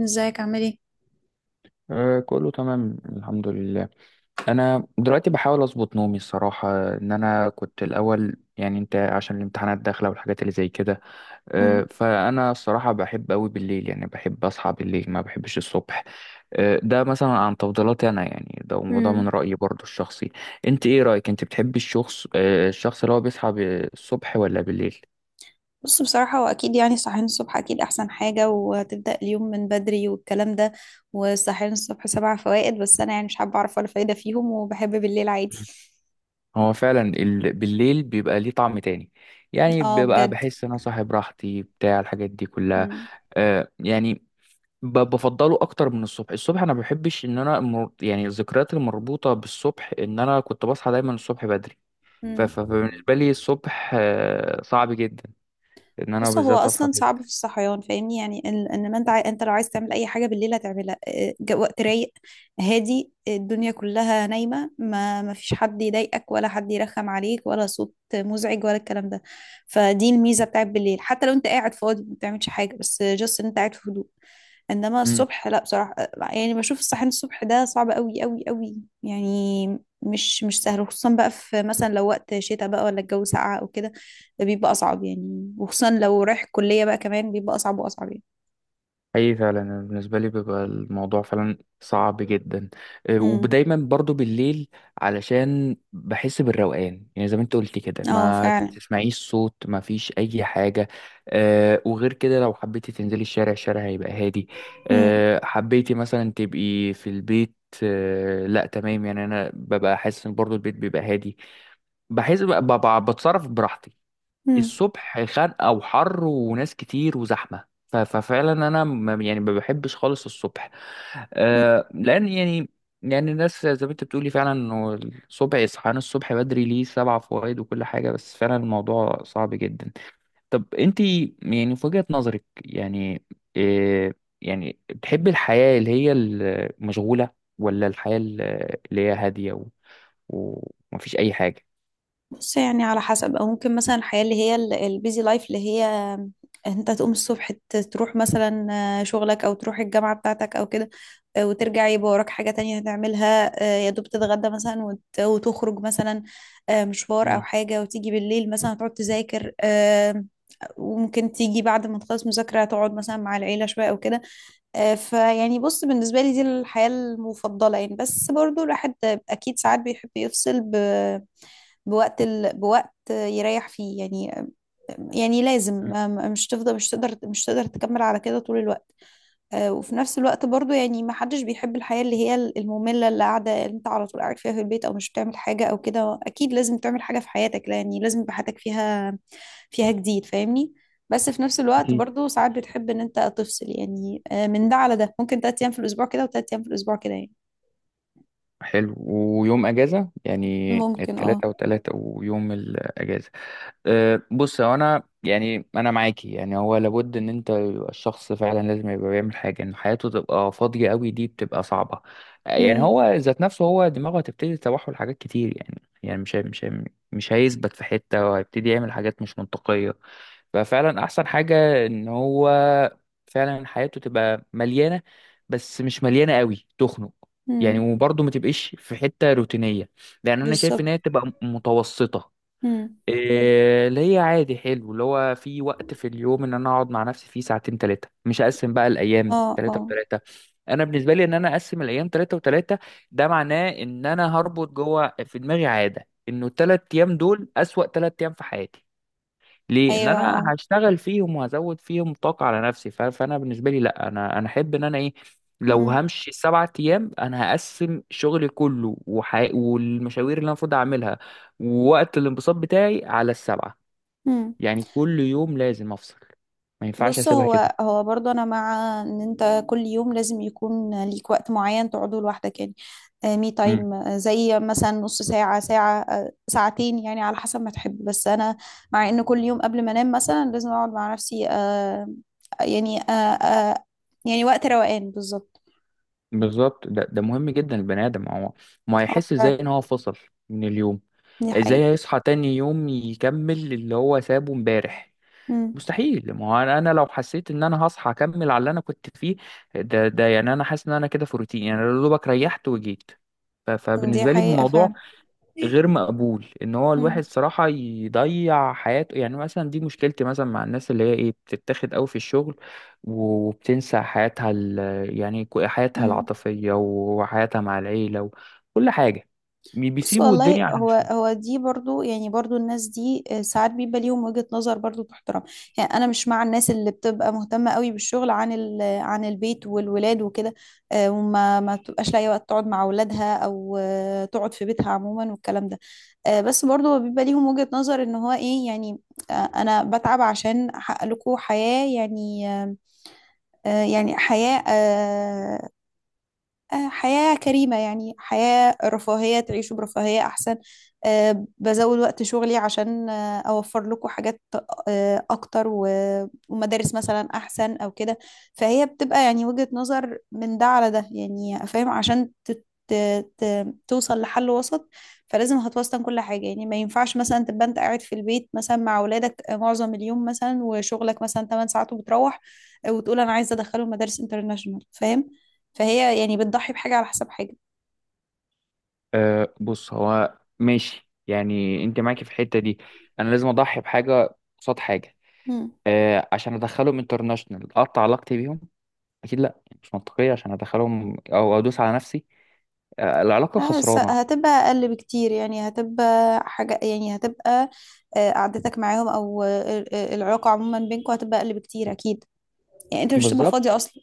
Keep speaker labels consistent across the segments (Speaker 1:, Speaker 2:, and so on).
Speaker 1: ازيك عامل ايه؟
Speaker 2: آه، كله تمام، الحمد لله. انا دلوقتي بحاول اظبط نومي الصراحه ان انا كنت الاول، يعني انت عشان الامتحانات داخله والحاجات اللي زي كده.
Speaker 1: مم.
Speaker 2: فانا الصراحه بحب قوي بالليل، يعني بحب اصحى بالليل، ما بحبش الصبح. ده مثلا عن تفضيلاتي انا، يعني ده وده
Speaker 1: مم.
Speaker 2: من رايي برضو الشخصي. انت ايه رايك؟ انت بتحبي الشخص الشخص اللي هو بيصحى الصبح ولا بالليل؟
Speaker 1: بص، بصراحة هو أكيد يعني الصحيان الصبح أكيد أحسن حاجة، وتبدأ اليوم من بدري والكلام ده. والصحيان الصبح سبع فوائد، بس أنا يعني مش حابة أعرف ولا فايدة فيهم وبحب بالليل عادي.
Speaker 2: مم. هو فعلا بالليل بيبقى ليه طعم تاني، يعني
Speaker 1: اه
Speaker 2: بيبقى
Speaker 1: بجد.
Speaker 2: بحس ان انا صاحي براحتي بتاع الحاجات دي كلها.
Speaker 1: مم.
Speaker 2: يعني بفضله اكتر من الصبح انا ما بحبش ان انا يعني الذكريات المربوطه بالصبح ان انا كنت بصحى دايما الصبح بدري.
Speaker 1: مم.
Speaker 2: فبالنسبه لي الصبح صعب جدا ان انا
Speaker 1: بص، هو
Speaker 2: بالذات اصحى
Speaker 1: اصلا
Speaker 2: فيه
Speaker 1: صعب
Speaker 2: بدري.
Speaker 1: في الصحيان، فاهمني؟ يعني ان إن ما انت عاي... انت لو عايز تعمل اي حاجه بالليل هتعملها، وقت رايق، هادي، الدنيا كلها نايمه، ما فيش حد يضايقك ولا حد يرخم عليك ولا صوت مزعج ولا الكلام ده. فدي الميزه بتاعت بالليل، حتى لو انت قاعد فاضي ما بتعملش حاجه، بس جاست ان انت قاعد في هدوء. انما الصبح لا بصراحه، يعني بشوف الصحيان الصبح ده صعب قوي قوي قوي يعني، مش سهل، خصوصا بقى في مثلا لو وقت شتاء بقى ولا الجو ساقع او كده، ده بيبقى اصعب يعني، وخصوصا لو رايح الكليه بقى كمان بيبقى اصعب واصعب يعني.
Speaker 2: اي فعلا، أنا بالنسبه لي بيبقى الموضوع فعلا صعب جدا.
Speaker 1: امم.
Speaker 2: ودايما برضو بالليل علشان بحس بالروقان، يعني زي ما انت قلت كده
Speaker 1: اه
Speaker 2: ما
Speaker 1: فعلا.
Speaker 2: تسمعيش صوت، ما فيش اي حاجه. وغير كده لو حبيتي تنزلي الشارع هيبقى هادي. حبيتي مثلا تبقي في البيت، لا، تمام، يعني انا ببقى حاسس ان برضو البيت بيبقى هادي. بحس بقى ببقى بتصرف براحتي.
Speaker 1: امم.
Speaker 2: الصبح خنقة وحر وناس كتير وزحمة، ففعلا انا ما يعني ما بحبش خالص الصبح. لان يعني، يعني الناس زي ما انت بتقولي فعلا انه الصبح اصحيان الصبح بدري ليه سبع فوائد وكل حاجة، بس فعلا الموضوع صعب جدا. طب انت يعني في وجهة نظرك يعني إيه؟ يعني بتحبي الحياة اللي هي المشغولة ولا الحياة اللي هي هادية ومفيش اي حاجة؟
Speaker 1: بص، يعني على حسب، او ممكن مثلا الحياه اللي هي البيزي لايف، اللي هي انت تقوم الصبح تروح مثلا شغلك او تروح الجامعه بتاعتك او كده، وترجع يبقى وراك حاجه تانية هتعملها، يا دوب تتغدى مثلا وت- وتخرج مثلا مشوار او
Speaker 2: مم.
Speaker 1: حاجه، وتيجي بالليل مثلا هتقعد تذاكر، وممكن تيجي بعد ما تخلص مذاكره تقعد مثلا مع العيله شويه او كده. فيعني بص، بالنسبه لي دي الحياه المفضله يعني. بس برضو الواحد اكيد ساعات بيحب يفصل بوقت يريح فيه يعني، يعني لازم
Speaker 2: مم.
Speaker 1: مش تقدر تكمل على كده طول الوقت. وفي نفس الوقت برضو يعني ما حدش بيحب الحياة اللي هي المملة، اللي قاعدة اللي انت على طول قاعد فيها في البيت او مش بتعمل حاجة او كده، اكيد لازم تعمل حاجة في حياتك، يعني لازم يبقى حياتك فيها جديد، فاهمني. بس في نفس الوقت
Speaker 2: أكيد.
Speaker 1: برضو ساعات بتحب ان انت تفصل يعني، من ده على ده، ممكن تلات ايام في الاسبوع كده وتلات ايام في الاسبوع كده يعني.
Speaker 2: حلو. ويوم اجازة يعني
Speaker 1: ممكن اه.
Speaker 2: التلاتة وتلاتة ويوم الاجازة. بص هو انا يعني انا معاكي، يعني هو لابد ان انت يبقى الشخص فعلا لازم يبقى بيعمل حاجه، ان حياته تبقى فاضيه قوي دي بتبقى صعبه. يعني
Speaker 1: امم.
Speaker 2: هو ذات نفسه هو دماغه هتبتدي تتوحل حاجات كتير، يعني مش هيثبت في حته وهيبتدي يعمل حاجات مش منطقيه. ففعلا احسن حاجه ان هو فعلا حياته تبقى مليانه، بس مش مليانه قوي تخنق، يعني
Speaker 1: امم.
Speaker 2: وبرضه ما تبقاش في حته روتينيه لان انا شايف ان
Speaker 1: بالظبط.
Speaker 2: هي تبقى متوسطه.
Speaker 1: امم.
Speaker 2: إيه اللي هي عادي، حلو اللي هو في وقت في اليوم ان انا اقعد مع نفسي فيه ساعتين ثلاثه، مش هقسم بقى الايام
Speaker 1: اه
Speaker 2: ثلاثه
Speaker 1: اه.
Speaker 2: وثلاثه. انا بالنسبه لي ان انا اقسم الايام ثلاثه وثلاثه ده معناه ان انا هربط جوه في دماغي عاده انه الثلاث ايام دول اسوأ ثلاث ايام في حياتي، ليه؟ ان
Speaker 1: ايوه
Speaker 2: انا
Speaker 1: اه.
Speaker 2: هشتغل فيهم وهزود فيهم طاقه على نفسي. فانا بالنسبه لي لا، انا احب ان انا ايه، لو
Speaker 1: مم.
Speaker 2: همشي سبعة ايام انا هقسم شغلي كله والمشاوير اللي انا المفروض اعملها ووقت الانبساط بتاعي على السبعه،
Speaker 1: مم.
Speaker 2: يعني كل يوم لازم افصل، ما ينفعش
Speaker 1: بص،
Speaker 2: اسيبها كده.
Speaker 1: هو برضه انا مع ان انت كل يوم لازم يكون ليك وقت معين تقعده لوحدك يعني، مي
Speaker 2: امم.
Speaker 1: تايم، زي مثلا نص ساعة، ساعة، ساعتين يعني على حسب ما تحب. بس انا مع ان كل يوم قبل ما انام مثلا لازم اقعد مع نفسي، آه، يعني آه آه يعني وقت روقان بالظبط.
Speaker 2: بالظبط، ده مهم جدا. البني ادم هو ما
Speaker 1: اه
Speaker 2: هيحس
Speaker 1: فعلا.
Speaker 2: ازاي ان هو فصل من اليوم؟
Speaker 1: دي
Speaker 2: ازاي
Speaker 1: حقيقة.
Speaker 2: هيصحى تاني يوم يكمل اللي هو سابه امبارح؟
Speaker 1: مم.
Speaker 2: مستحيل. ما هو انا لو حسيت ان انا هصحى اكمل على اللي انا كنت فيه، ده يعني انا حاسس ان انا كده في روتين، يعني أنا يا دوبك ريحت وجيت.
Speaker 1: دي
Speaker 2: فبالنسبه لي
Speaker 1: حقيقة
Speaker 2: الموضوع
Speaker 1: فعلا.
Speaker 2: غير مقبول ان هو
Speaker 1: مم.
Speaker 2: الواحد صراحه يضيع حياته، يعني مثلا دي مشكلتي مثلا مع الناس اللي هي ايه بتتاخد قوي في الشغل وبتنسى حياتها يعني حياتها
Speaker 1: مم.
Speaker 2: العاطفيه وحياتها مع العيله وكل حاجه،
Speaker 1: بص
Speaker 2: بيسيبوا
Speaker 1: والله،
Speaker 2: الدنيا عشان
Speaker 1: هو
Speaker 2: الشغل.
Speaker 1: هو دي برضو، يعني برضو الناس دي ساعات بيبقى ليهم وجهة نظر برضو تحترم. يعني انا مش مع الناس اللي بتبقى مهتمة قوي بالشغل عن عن البيت والولاد وكده، آه، وما ما بتبقاش لاقي وقت تقعد مع اولادها او تقعد في بيتها عموما والكلام ده. بس برضو هو بيبقى ليهم وجهة نظر، ان هو ايه يعني، انا بتعب عشان احقق لكم حياة يعني آه، آه، يعني حياة آه، آه، حياة كريمة يعني، حياة رفاهية تعيشوا برفاهية أحسن، بزود وقت شغلي عشان أوفر لكم حاجات أكتر و ومدارس مثلا أحسن أو كده. فهي بتبقى يعني وجهة نظر من ده على ده يعني، فاهم؟ عشان توصل لحل وسط، فلازم هتوسطن كل حاجة يعني. ما ينفعش مثلا تبقى أنت قاعد في البيت مثلا مع أولادك معظم اليوم مثلا وشغلك مثلا 8 ساعات، وبتروح وتقول أنا عايزة أدخلهم مدارس انترناشونال، فاهم؟ فهي يعني بتضحي بحاجة على حساب حاجة.
Speaker 2: بص هو ماشي، يعني انت معاكي في الحته دي، انا لازم اضحي بحاجه قصاد حاجه،
Speaker 1: مم.
Speaker 2: عشان ادخلهم انترناشونال اقطع علاقتي بيهم؟ اكيد لا، يعني مش منطقيه عشان ادخلهم او ادوس على نفسي. العلاقه
Speaker 1: بس
Speaker 2: خسرانه.
Speaker 1: هتبقى أقل بكتير يعني، هتبقى حاجة يعني هتبقى آه، قعدتك معاهم أو العلاقة عموما بينكم هتبقى أقل بكتير أكيد، يعني أنت مش هتبقى
Speaker 2: بالظبط،
Speaker 1: فاضية أصلا.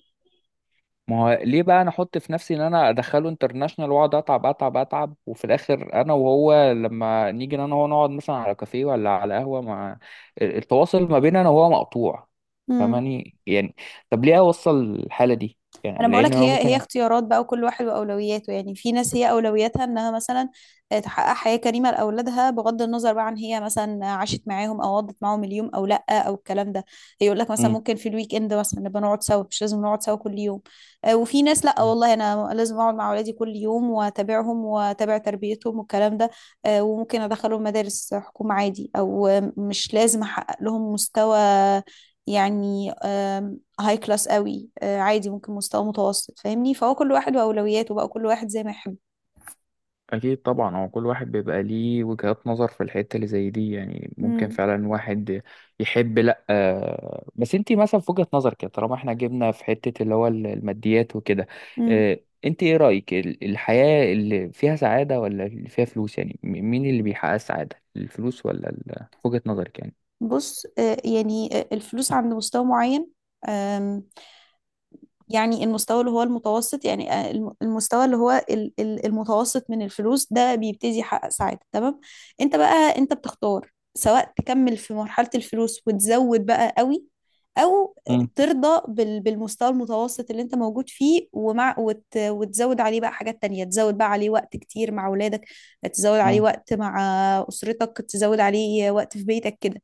Speaker 2: ما هو ليه بقى انا احط في نفسي ان انا ادخله انترناشونال واقعد اتعب اتعب اتعب وفي الاخر انا وهو لما نيجي انا وهو نقعد مثلا على كافيه ولا على قهوه مع التواصل ما بيننا انا وهو مقطوع؟
Speaker 1: مم.
Speaker 2: فاهماني يعني؟ طب ليه اوصل الحاله دي
Speaker 1: انا
Speaker 2: يعني؟ لان
Speaker 1: بقولك،
Speaker 2: انا
Speaker 1: هي
Speaker 2: ممكن
Speaker 1: اختيارات بقى، وكل واحد واولوياته. يعني في ناس هي اولوياتها انها مثلا تحقق حياة كريمة لاولادها، بغض النظر بقى عن هي مثلا عاشت معاهم او قضت معاهم اليوم او لا او الكلام ده. يقول لك مثلا ممكن في الويك اند مثلا نبقى نقعد سوا، مش لازم نقعد سوا كل يوم. وفي ناس لا
Speaker 2: مم.
Speaker 1: والله، انا لازم اقعد مع اولادي كل يوم واتابعهم واتابع تربيتهم والكلام ده، وممكن ادخلهم مدارس حكومة عادي، او مش لازم احقق لهم مستوى يعني هاي كلاس قوي، عادي ممكن مستوى متوسط، فاهمني؟ فهو كل واحد واولوياته بقى، كل واحد زي ما يحب.
Speaker 2: أكيد طبعا، هو كل واحد بيبقى ليه وجهات نظر في الحتة اللي زي دي، يعني ممكن
Speaker 1: امم.
Speaker 2: فعلا واحد يحب لأ، بس انتي مثلا في وجهة نظرك كده طالما احنا جبنا في حتة اللي هو الماديات وكده،
Speaker 1: امم.
Speaker 2: آه، انتي ايه رأيك الحياة اللي فيها سعادة ولا اللي فيها فلوس؟ يعني مين اللي بيحقق السعادة؟ الفلوس ولا في وجهة نظرك يعني؟
Speaker 1: بص الفلوس عند مستوى معين، يعني المستوى اللي هو المتوسط، يعني المستوى اللي هو المتوسط من الفلوس، ده بيبتدي يحقق سعادة تمام. انت بقى انت بتختار، سواء تكمل في مرحلة الفلوس وتزود بقى قوي، او
Speaker 2: مم.
Speaker 1: ترضى بالمستوى المتوسط اللي انت موجود فيه، ومع وت وتزود عليه بقى حاجات تانية، تزود بقى عليه وقت كتير مع اولادك، تزود عليه
Speaker 2: مم.
Speaker 1: وقت مع اسرتك، تزود عليه وقت في بيتك كده.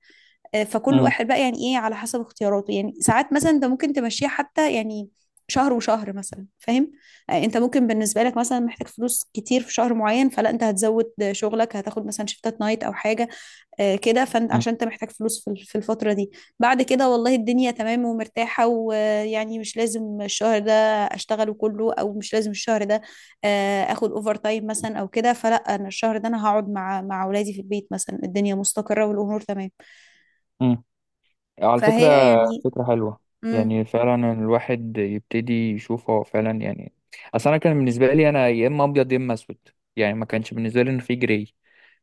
Speaker 1: فكل
Speaker 2: مم.
Speaker 1: واحد بقى يعني ايه على حسب اختياراته. يعني ساعات مثلا انت ممكن تمشيها حتى يعني شهر وشهر مثلا، فاهم؟ انت ممكن بالنسبه لك مثلا محتاج فلوس كتير في شهر معين، فلا انت هتزود شغلك، هتاخد مثلا شيفتات نايت او حاجه كده، فانت عشان انت محتاج فلوس في الفتره دي. بعد كده والله الدنيا تمام ومرتاحه، ويعني مش لازم الشهر ده اشتغله كله، او مش لازم الشهر ده اخد اوفر تايم مثلا او كده، فلا انا الشهر ده انا هقعد مع اولادي في البيت مثلا، الدنيا مستقره والامور تمام.
Speaker 2: مم. على فكرة،
Speaker 1: فهي يعني.
Speaker 2: فكرة حلوة،
Speaker 1: امم.
Speaker 2: يعني فعلا الواحد يبتدي يشوف هو فعلا يعني. أصل أنا كان بالنسبة لي أنا يا إما أبيض يا إما أسود، يعني ما كانش بالنسبة لي إن في جراي،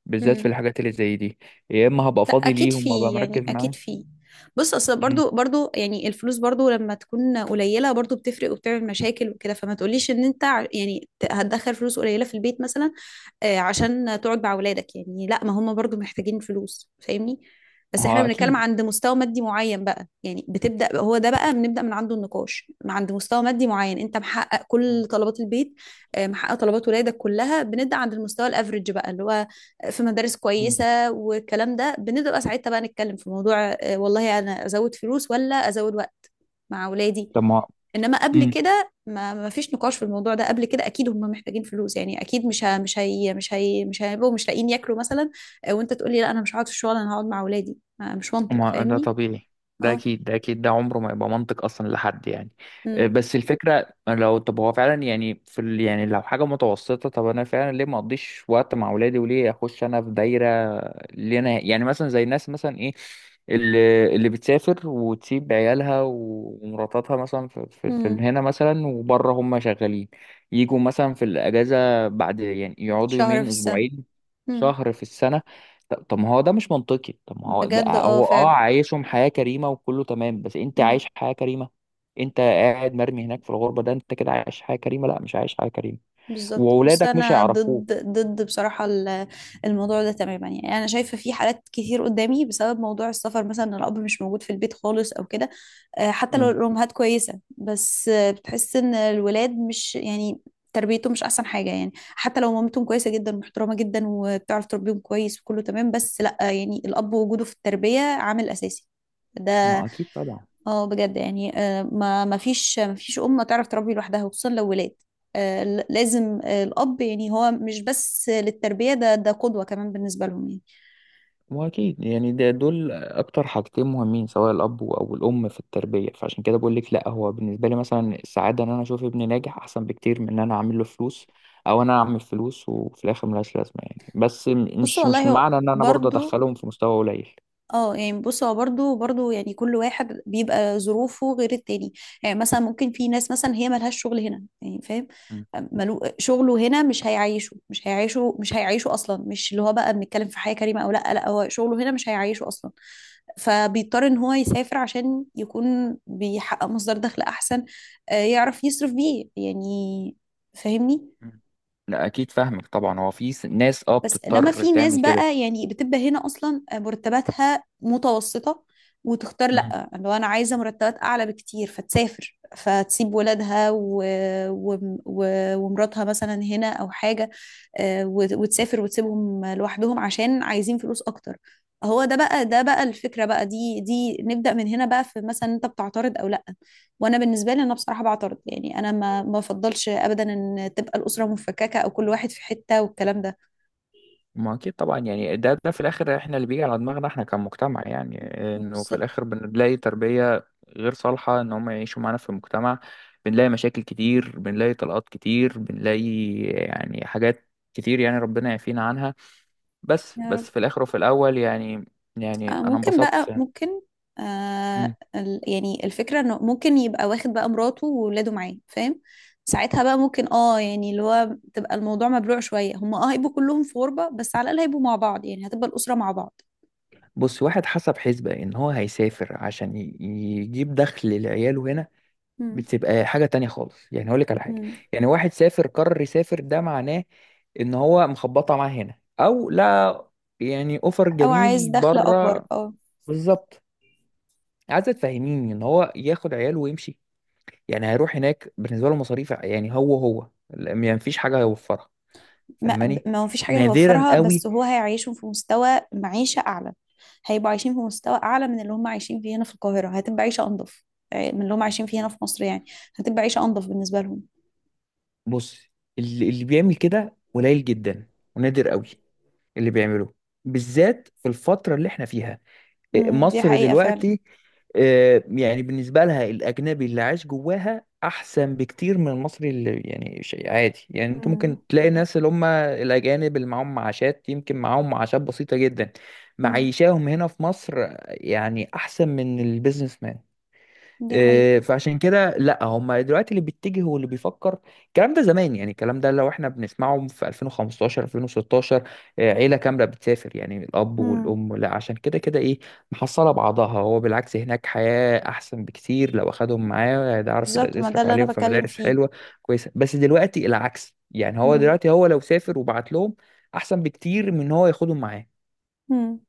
Speaker 2: بالذات في
Speaker 1: امم.
Speaker 2: الحاجات اللي زي دي، يا إما هبقى
Speaker 1: لا
Speaker 2: فاضي
Speaker 1: اكيد
Speaker 2: ليهم وأبقى
Speaker 1: في،
Speaker 2: مركز
Speaker 1: يعني اكيد
Speaker 2: معاهم.
Speaker 1: في. بص اصل
Speaker 2: مم.
Speaker 1: برضو يعني الفلوس برضو لما تكون قليله برضو بتفرق وبتعمل مشاكل وكده، فما تقوليش ان انت هتدخل فلوس قليله في البيت مثلا عشان تقعد مع اولادك، يعني لا، ما هم برضو محتاجين فلوس، فاهمني؟
Speaker 2: ما
Speaker 1: بس احنا
Speaker 2: هو
Speaker 1: بنتكلم
Speaker 2: أكيد.
Speaker 1: عند مستوى مادي معين بقى يعني، بتبدا هو ده بقى بنبدا من عنده النقاش، عند مستوى مادي معين انت محقق
Speaker 2: مم.
Speaker 1: كل طلبات البيت، محقق طلبات ولادك كلها، بنبدا عند المستوى الافريج بقى، اللي هو في مدارس
Speaker 2: مم.
Speaker 1: كويسه والكلام ده، بنبقى ساعتها بقى نتكلم في موضوع والله انا ازود فلوس ولا ازود وقت مع اولادي.
Speaker 2: طب ما
Speaker 1: انما قبل
Speaker 2: مم.
Speaker 1: كده، ما فيش نقاش في الموضوع ده قبل كده، اكيد هم محتاجين فلوس يعني، اكيد مش ه... مش هي... مش هي... مش هيبقوا مش لاقيين ياكلوا مثلا وانت تقول لي لا انا مش هقعد في الشغل انا هقعد مع اولادي، مش منطق،
Speaker 2: ما ده
Speaker 1: فاهمني؟
Speaker 2: طبيعي، ده
Speaker 1: اه.
Speaker 2: اكيد، ده اكيد، ده عمره ما يبقى منطق اصلا لحد يعني.
Speaker 1: امم.
Speaker 2: بس الفكره لو طب هو فعلا يعني في يعني لو حاجه متوسطه طب انا فعلا ليه ما اقضيش وقت مع اولادي وليه اخش انا في دايره اللي انا يعني مثلا زي الناس مثلا ايه اللي بتسافر وتسيب عيالها ومراتاتها مثلا في
Speaker 1: امم.
Speaker 2: هنا مثلا وبره هم شغالين يجوا مثلا في الاجازه بعد، يعني يقعدوا
Speaker 1: شهر في
Speaker 2: يومين
Speaker 1: السنة.
Speaker 2: اسبوعين
Speaker 1: امم.
Speaker 2: شهر في السنه. طب ما هو ده مش منطقي، طب ما هو ده
Speaker 1: بجد اه
Speaker 2: هو
Speaker 1: فعلا.
Speaker 2: عايشهم حياة كريمة وكله تمام، بس انت عايش
Speaker 1: مم.
Speaker 2: حياة كريمة؟ انت قاعد مرمي هناك في الغربة، ده انت كده عايش حياة كريمة؟ لا، مش عايش حياة كريمة،
Speaker 1: بالظبط. بص
Speaker 2: واولادك مش
Speaker 1: انا
Speaker 2: هيعرفوه.
Speaker 1: ضد بصراحه الموضوع ده تماما يعني. انا شايفه في حالات كتير قدامي بسبب موضوع السفر مثلا، إن الاب مش موجود في البيت خالص او كده. حتى لو
Speaker 2: مم.
Speaker 1: الامهات كويسه بس بتحس ان الولاد مش يعني تربيتهم مش احسن حاجه، يعني حتى لو مامتهم كويسه جدا ومحترمه جدا وبتعرف تربيهم كويس وكله تمام، بس لا، يعني الاب وجوده في التربيه عامل اساسي ده.
Speaker 2: ما اكيد طبعا.
Speaker 1: اه بجد يعني ما فيش أم تعرف تربي لوحدها، وخصوصا لو ولاد، آه، ل- لازم آه، الأب يعني، هو مش بس للتربية، ده ده قدوة كمان بالنسبة لهم يعني.
Speaker 2: ما اكيد، يعني ده دول اكتر حاجتين مهمين سواء الاب او الام في التربية فعشان كده بقول لك لا هو بالنسبة لي مثلا السعادة ان انا اشوف ابني ناجح احسن بكتير من ان انا اعمل له فلوس او انا اعمل فلوس وفي الاخر ملهاش لازمة يعني بس م-
Speaker 1: بص
Speaker 2: مش مش
Speaker 1: والله هو
Speaker 2: معنى ان انا برضه
Speaker 1: برضو
Speaker 2: ادخلهم في مستوى قليل
Speaker 1: اه يعني. بص هو برضه يعني كل واحد بيبقى ظروفه غير التاني يعني. مثلا ممكن في ناس مثلا هي ملهاش شغل هنا يعني، فاهم؟ ملو شغله هنا مش هيعيشه، مش هيعيشه اصلا، مش اللي هو بقى بنتكلم في حياة كريمة او لا، لا هو شغله هنا مش هيعيشه اصلا، فبيضطر ان هو يسافر عشان يكون بيحقق مصدر دخل احسن يعرف يصرف بيه يعني، فاهمني؟
Speaker 2: مم. لا اكيد فاهمك طبعا هو في س- ناس اه
Speaker 1: بس انما
Speaker 2: بتضطر
Speaker 1: في ناس
Speaker 2: تعمل كده
Speaker 1: بقى يعني بتبقى هنا اصلا مرتباتها متوسطة، وتختار
Speaker 2: مم.
Speaker 1: لا، لو انا عايزة مرتبات اعلى بكتير فتسافر، فتسيب ولادها و... و... و... ومراتها مثلا هنا او حاجة، آه، وت- وتسافر وتسيبهم لوحدهم عشان عايزين فلوس اكتر. هو ده بقى ده بقى الفكرة بقى، دي دي نبدأ من هنا بقى، في مثلا انت بتعترض او لا؟ وانا بالنسبة لي انا بصراحة بعترض، يعني انا ما بفضلش ابدا ان تبقى الأسرة مفككة او كل واحد في حتة والكلام ده.
Speaker 2: ما اكيد طبعا يعني ده في الاخر احنا اللي بيجي على دماغنا احنا كمجتمع، يعني انه في
Speaker 1: بالظبط.
Speaker 2: الاخر بنلاقي تربية غير صالحة ان هم يعيشوا معانا في المجتمع، بنلاقي مشاكل كتير، بنلاقي طلقات كتير، بنلاقي يعني حاجات كتير، يعني ربنا يعافينا عنها. بس
Speaker 1: يا رب.
Speaker 2: بس في الاخر وفي الاول يعني، يعني
Speaker 1: آه
Speaker 2: انا
Speaker 1: ممكن
Speaker 2: انبسطت.
Speaker 1: بقى ممكن،
Speaker 2: مم.
Speaker 1: آه يعني الفكرة انه ممكن يبقى واخد بقى مراته وولاده معاه، فاهم؟ ساعتها بقى ممكن اه، يعني اللي هو تبقى الموضوع مبلوع شوية، هم اه هيبقوا كلهم في غربة بس على الأقل هيبقوا مع بعض يعني، هتبقى الأسرة مع بعض.
Speaker 2: بص واحد حسب حسبة ان هو هيسافر عشان يجيب دخل لعياله هنا،
Speaker 1: مم.
Speaker 2: بتبقى حاجة تانية خالص، يعني هقول لك على حاجة،
Speaker 1: مم.
Speaker 2: يعني واحد سافر قرر يسافر ده معناه ان هو مخبطة معاه هنا او لا، يعني اوفر
Speaker 1: او عايز
Speaker 2: جميل
Speaker 1: دخل اكبر،
Speaker 2: بره.
Speaker 1: اه.
Speaker 2: بالظبط. عايز تفهميني ان هو ياخد عياله ويمشي؟ يعني هيروح هناك بالنسبة له مصاريف، يعني هو يعني مفيش حاجة هيوفرها.
Speaker 1: ما
Speaker 2: فاهماني؟
Speaker 1: ما هو فيش حاجة
Speaker 2: نادرا
Speaker 1: هيوفرها، بس
Speaker 2: قوي.
Speaker 1: هو هيعيشهم في مستوى معيشة أعلى، هيبقوا عايشين في مستوى أعلى من اللي هم عايشين فيه هنا في القاهرة، هتبقى عيشة أنظف من اللي هم عايشين فيه هنا في مصر يعني، هتبقى عيشة أنظف بالنسبة لهم.
Speaker 2: بص اللي بيعمل كده قليل جدا، ونادر قوي اللي بيعمله، بالذات في الفترة اللي احنا فيها
Speaker 1: مم، دي
Speaker 2: مصر
Speaker 1: حقيقة فعلا.
Speaker 2: دلوقتي. يعني بالنسبة لها الأجنبي اللي عايش جواها أحسن بكتير من المصري، اللي يعني شيء عادي، يعني أنت
Speaker 1: مم،
Speaker 2: ممكن تلاقي ناس اللي هم الأجانب اللي معاهم معاشات، يمكن معاهم معاشات بسيطة جدا
Speaker 1: مم،
Speaker 2: معيشاهم هنا في مصر يعني أحسن من البيزنس مان.
Speaker 1: دي حقيقة.
Speaker 2: إيه، فعشان كده لا هم دلوقتي اللي بيتجه واللي بيفكر الكلام ده زمان، يعني الكلام ده لو احنا بنسمعه في 2015 2016، إيه، عيله كامله بتسافر يعني الاب
Speaker 1: مم،
Speaker 2: والام، لا عشان كده كده ايه محصله بعضها، هو بالعكس هناك حياه احسن بكتير لو اخدهم معاه هيعرف
Speaker 1: بالظبط، ما ده
Speaker 2: يصرف
Speaker 1: اللي
Speaker 2: عليهم
Speaker 1: أنا
Speaker 2: في
Speaker 1: بتكلم
Speaker 2: مدارس
Speaker 1: فيه.
Speaker 2: حلوه كويسه. بس دلوقتي العكس، يعني هو
Speaker 1: مم،
Speaker 2: دلوقتي هو لو سافر وبعت لهم احسن بكتير من ان هو ياخدهم معاه
Speaker 1: مم،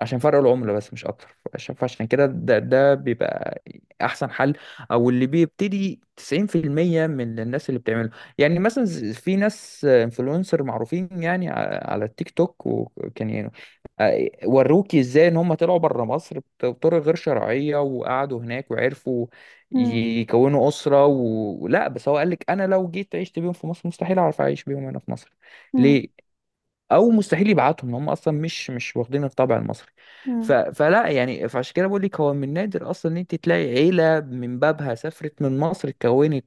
Speaker 2: عشان فرق العملة بس مش أكتر، عشان فعشان كده ده بيبقى أحسن حل أو اللي بيبتدي 90% من الناس اللي بتعمله، يعني مثلا في ناس انفلونسر معروفين، يعني على التيك توك وكان يعني وروكي ازاي ان هم طلعوا بره مصر بطرق غير شرعية وقعدوا هناك وعرفوا
Speaker 1: مم،
Speaker 2: يكونوا أسرة ولا، بس هو قال لك انا لو جيت عشت بيهم في مصر مستحيل اعرف اعيش بيهم هنا في مصر،
Speaker 1: مم،
Speaker 2: ليه؟ او مستحيل يبعتهم، هم اصلا مش واخدين الطابع المصري.
Speaker 1: مم،
Speaker 2: فلا يعني فعشان كده بقول لك هو من نادر اصلا ان انت تلاقي عيله من بابها سافرت من مصر اتكونت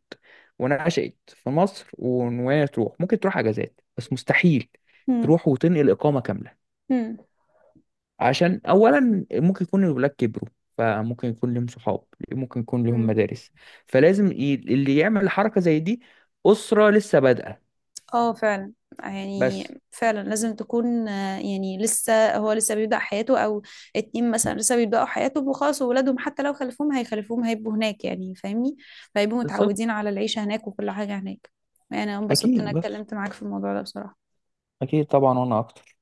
Speaker 2: ونشأت في مصر، وإن وهي تروح ممكن تروح اجازات بس مستحيل
Speaker 1: مم،
Speaker 2: تروح وتنقل اقامه كامله،
Speaker 1: مم،
Speaker 2: عشان اولا ممكن يكون الولاد كبروا فممكن يكون لهم صحاب، ممكن يكون لهم
Speaker 1: مم.
Speaker 2: مدارس، فلازم اللي يعمل حركه زي دي اسره لسه بادئه.
Speaker 1: اه فعلا. يعني
Speaker 2: بس
Speaker 1: فعلا لازم تكون يعني لسه هو لسه بيبدأ حياته، او اتنين مثلا لسه بيبدأوا حياتهم وخلاص، وولادهم حتى لو خلفوهم هيخلفوهم هيبقوا هناك يعني فاهمني، فهيبقوا متعودين
Speaker 2: بالظبط،
Speaker 1: على العيشة هناك وكل حاجة هناك. يعني انا انبسطت
Speaker 2: اكيد
Speaker 1: انك
Speaker 2: بس
Speaker 1: اتكلمت معاك في الموضوع ده بصراحة.
Speaker 2: اكيد طبعا، وانا اكتر